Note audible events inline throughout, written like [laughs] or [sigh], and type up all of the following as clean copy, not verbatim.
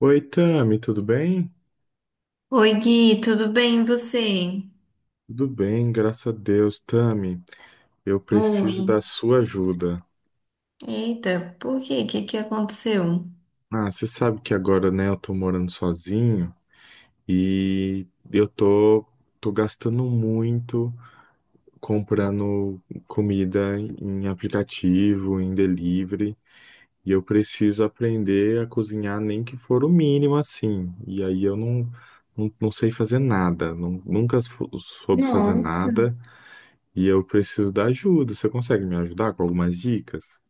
Oi, Tami, tudo bem? Oi, Gui, tudo bem e você? Tudo bem, graças a Deus. Tami, eu Oi. preciso da sua ajuda. Eita, por quê? O que que aconteceu? Você sabe que agora, né, eu tô morando sozinho e eu tô, tô gastando muito comprando comida em aplicativo, em delivery, e eu preciso aprender a cozinhar nem que for o mínimo assim. E aí eu não, não, não sei fazer nada, não, nunca soube fazer Nossa, nada. E eu preciso da ajuda. Você consegue me ajudar com algumas dicas?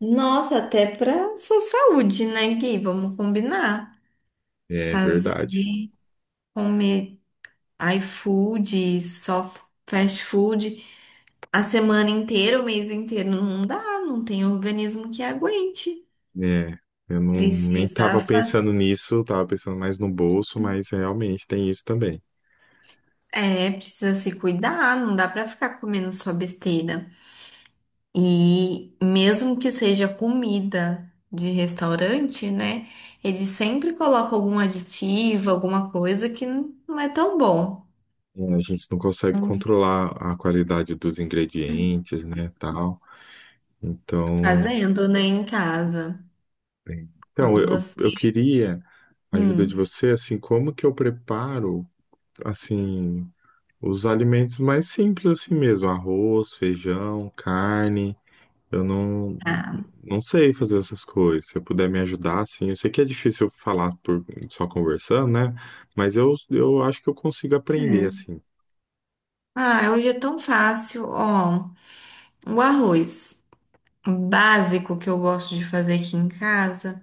Nossa, até pra sua saúde, né, Gui? Vamos combinar. É Fazer, verdade. comer iFood, só fast food, a semana inteira, o mês inteiro, não dá, não tem organismo que aguente. É, eu não, nem Precisa estava fazer, pensando nisso, tava pensando mais no bolso, mas realmente tem isso também. precisa se cuidar, não dá pra ficar comendo só besteira. E mesmo que seja comida de restaurante, né? Ele sempre coloca algum aditivo, alguma coisa que não é tão bom. É, a gente não consegue Hum. controlar a qualidade dos ingredientes, né, tal. Então, Fazendo, né, em casa. bem, então Quando eu, eu você. queria a ajuda de Hum, você, assim, como que eu preparo, assim, os alimentos mais simples assim mesmo, arroz, feijão, carne. Eu não, tá. não sei fazer essas coisas. Se eu puder me ajudar, assim, eu sei que é difícil falar por só conversando, né? Mas eu acho que eu consigo aprender assim. Ah, hoje é tão fácil. Ó, o arroz básico que eu gosto de fazer aqui em casa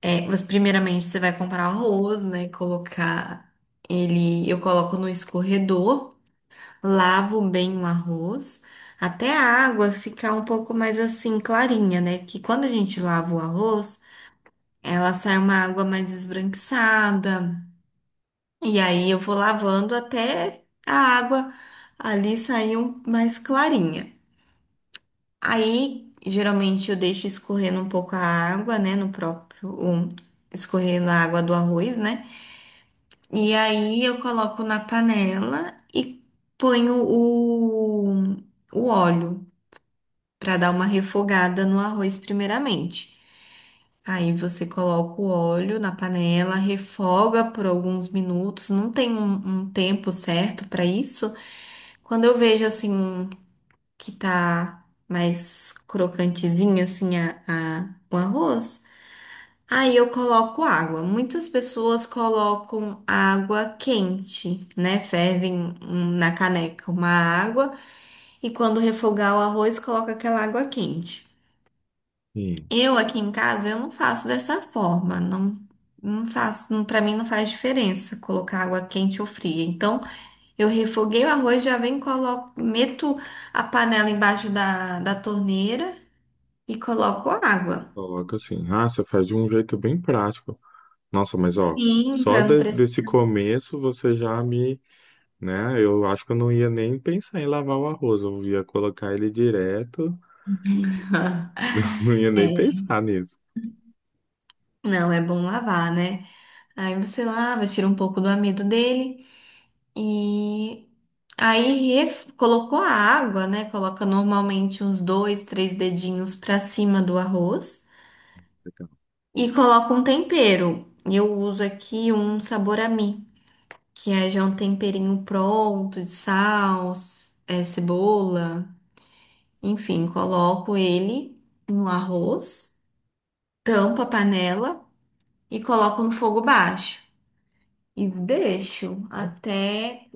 é, mas primeiramente você vai comprar arroz, né? Colocar ele, eu coloco no escorredor. Lavo bem o arroz, até a água ficar um pouco mais assim clarinha, né? Que quando a gente lava o arroz, ela sai uma água mais esbranquiçada. E aí eu vou lavando até a água ali sair mais clarinha. Aí, geralmente eu deixo escorrendo um pouco a água, né, no próprio escorrendo a água do arroz, né? E aí eu coloco na panela e ponho o óleo, para dar uma refogada no arroz primeiramente. Aí você coloca o óleo na panela, refoga por alguns minutos, não tem um tempo certo para isso. Quando eu vejo assim um que tá mais crocantezinha assim o arroz, aí eu coloco água. Muitas pessoas colocam água quente, né? Fervem na caneca uma água e quando refogar o arroz, coloca aquela água quente. Sim, Eu aqui em casa eu não faço dessa forma, não, não faço, não, para mim não faz diferença colocar água quente ou fria. Então eu refoguei o arroz, já venho e coloco, meto a panela embaixo da torneira e coloco a água. coloca assim. Ah, você faz de um jeito bem prático. Nossa, mas ó, Sim, só para não precisar. desse começo você já me, né? Eu acho que eu não ia nem pensar em lavar o arroz. Eu ia colocar ele direto, [laughs] não ia nem É, pensar nisso. não, é bom lavar, né? Aí você lava, tira um pouco do amido dele e aí colocou a água, né? Coloca normalmente uns dois, três dedinhos para cima do arroz. E coloco um tempero. Eu uso aqui um sabor a mim, que é já um temperinho pronto de sal, cebola, enfim, coloco ele no arroz, tampo a panela e coloco no fogo baixo e deixo até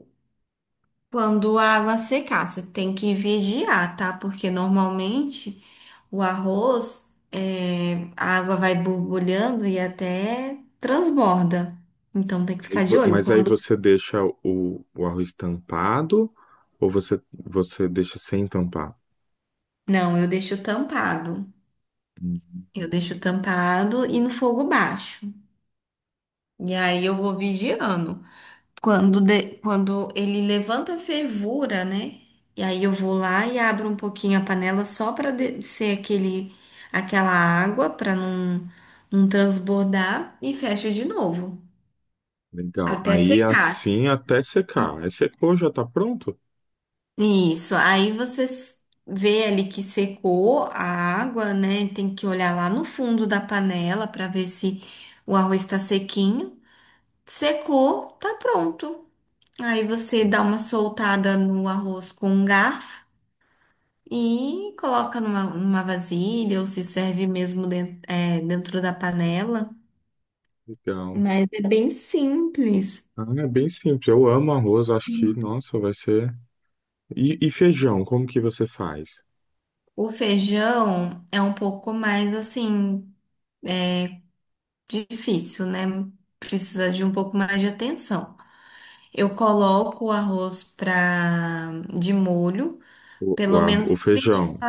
quando a água secar. Você tem que vigiar, tá? Porque normalmente o arroz, a água vai borbulhando e até transborda. Então tem que ficar de olho. Mas aí Quando você deixa o arroz tampado ou você deixa sem tampar? não, eu deixo tampado. Hum, Eu deixo tampado e no fogo baixo. E aí eu vou vigiando. Quando ele levanta a fervura, né? E aí eu vou lá e abro um pouquinho a panela só para descer aquele, aquela água para não, não transbordar e fecho de novo Legal. até Aí secar. assim até secar. Aí secou, já tá pronto? Isso, aí você vê ali que secou a água, né? Tem que olhar lá no fundo da panela para ver se o arroz está sequinho. Secou, tá pronto. Aí você dá uma soltada no arroz com um garfo e coloca numa vasilha ou se serve mesmo dentro, da panela. Legal. Mas é bem simples. Ah, é bem simples. Eu amo arroz, acho que, nossa, vai ser. E feijão, como que você faz? O feijão é um pouco mais assim. Difícil, né? Precisa de um pouco mais de atenção. Eu coloco o arroz de molho, pelo O menos 20, feijão.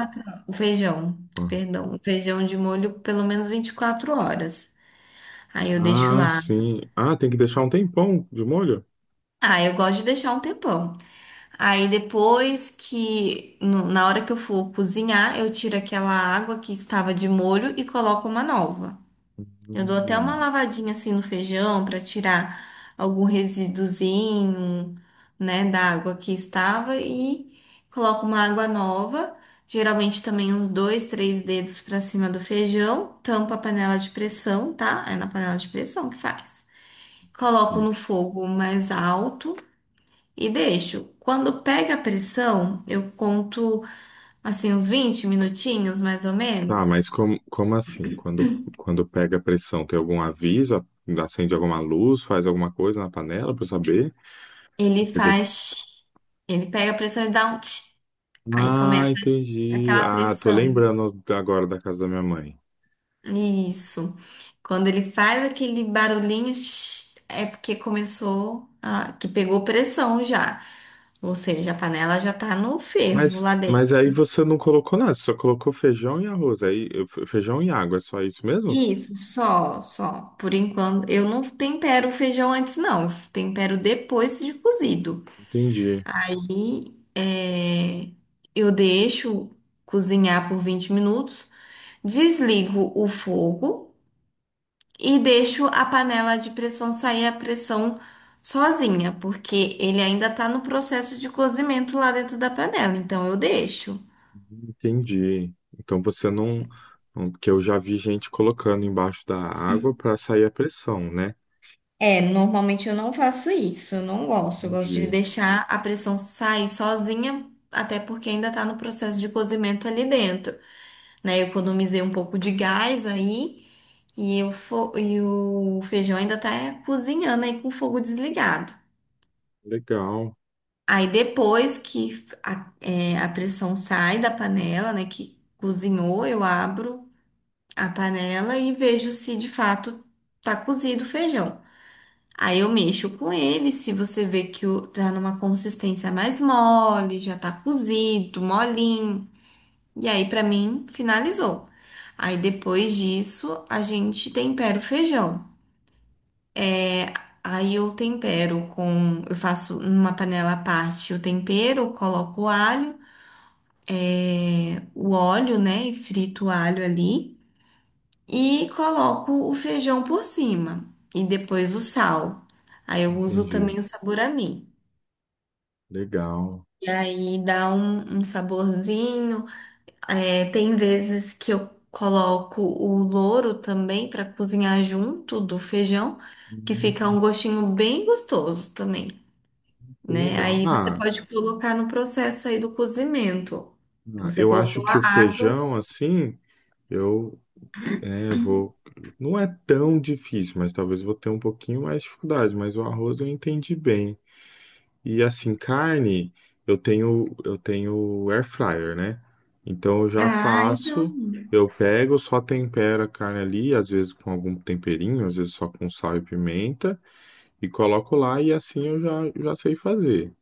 o feijão, perdão, o feijão de molho pelo menos 24 horas. Aí eu deixo Ah, ah, lá. sim. Ah, tem que deixar um tempão de molho? Ah, eu gosto de deixar um tempão. Aí depois que, na hora que eu for cozinhar, eu tiro aquela água que estava de molho e coloco uma nova. Eu dou até uma Hum. lavadinha assim no feijão para tirar algum resíduozinho, né, da água que estava e coloco uma água nova, geralmente também uns dois, três dedos para cima do feijão, tampo a panela de pressão, tá? É na panela de pressão que faz. Coloco no fogo mais alto e deixo. Quando pega a pressão, eu conto assim uns 20 minutinhos mais ou Tá, menos. mas como assim? Quando pega a pressão, tem algum aviso? Acende alguma luz? Faz alguma coisa na panela para eu saber? Se Ele pegou. faz, ele pega a pressão e dá um tch. Aí Ah, começa entendi. aquela Ah, tô pressão. lembrando agora da casa da minha mãe. Isso. Quando ele faz aquele barulhinho, shh, é porque começou que pegou pressão já. Ou seja, a panela já tá no fervo lá dentro. Mas aí você não colocou nada, você só colocou feijão e arroz. Aí, feijão e água, é só isso mesmo? Isso, só, só. Por enquanto, eu não tempero o feijão antes, não. Eu tempero depois de cozido. Entendi, E é, eu deixo cozinhar por 20 minutos, desligo o fogo. E deixo a panela de pressão sair a pressão sozinha, porque ele ainda tá no processo de cozimento lá dentro da panela, então eu deixo. entendi. Então você Porque eu já vi gente colocando embaixo da água para sair a pressão, né? É, normalmente eu não faço isso, eu não gosto, eu gosto de Entendi. deixar a pressão sair sozinha, até porque ainda tá no processo de cozimento ali dentro, né? Eu economizei um pouco de gás aí e o feijão ainda tá cozinhando aí com o fogo desligado. Legal, Aí depois que a pressão sai da panela, né, que cozinhou, eu abro a panela e vejo se de fato tá cozido o feijão. Aí eu mexo com ele, se você vê que tá numa consistência mais mole, já tá cozido, molinho. E aí pra mim finalizou. Aí depois disso, a gente tempera o feijão. É, Aí eu tempero eu faço numa panela à parte o tempero, coloco o alho, o óleo, né? E frito o alho ali. E coloco o feijão por cima. E depois o sal. Aí eu uso entendi. também o saburami. Legal. E aí dá um saborzinho. É, tem vezes que eu coloco o louro também para cozinhar junto do feijão, que fica um Hum. gostinho bem gostoso também, Que né? legal. Aí você Ah, pode colocar no processo aí do cozimento. ah, Você eu acho colocou que a o água. feijão, assim, eu é, eu vou. Não é tão difícil, mas talvez eu vou ter um pouquinho mais de dificuldade. Mas o arroz eu entendi bem. E assim, carne, eu tenho air fryer, né? Então eu já Ah, então. faço, eu pego, só tempero a carne ali, às vezes com algum temperinho, às vezes só com sal e pimenta, e coloco lá e assim já sei fazer.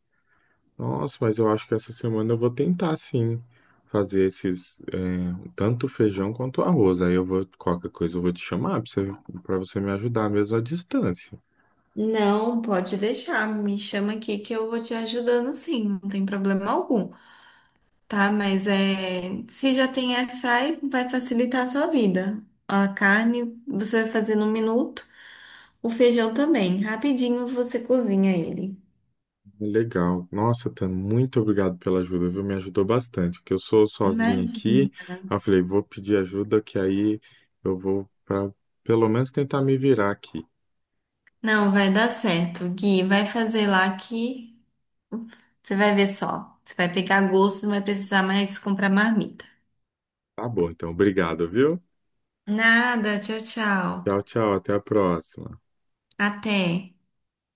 Nossa, mas eu acho que essa semana eu vou tentar sim fazer esses é, tanto feijão quanto arroz. Aí eu vou, qualquer coisa eu vou te chamar para você, pra você me ajudar mesmo à distância. Não, pode deixar, me chama aqui que eu vou te ajudando sim, não tem problema algum, tá? Mas se já tem airfry, vai facilitar a sua vida. A carne você vai fazer num minuto, o feijão também, rapidinho você cozinha ele. Legal. Nossa, Tan, muito obrigado pela ajuda, viu? Me ajudou bastante. Que eu sou sozinho aqui. Imagina. Aí eu falei, vou pedir ajuda, que aí eu vou para pelo menos tentar me virar aqui. Não, vai dar certo, Gui, vai fazer lá que você vai ver só. Você vai pegar gosto, não vai precisar mais comprar marmita. Tá bom, então, obrigado, viu? Nada, tchau, tchau. Tchau, tchau, até a próxima. Até.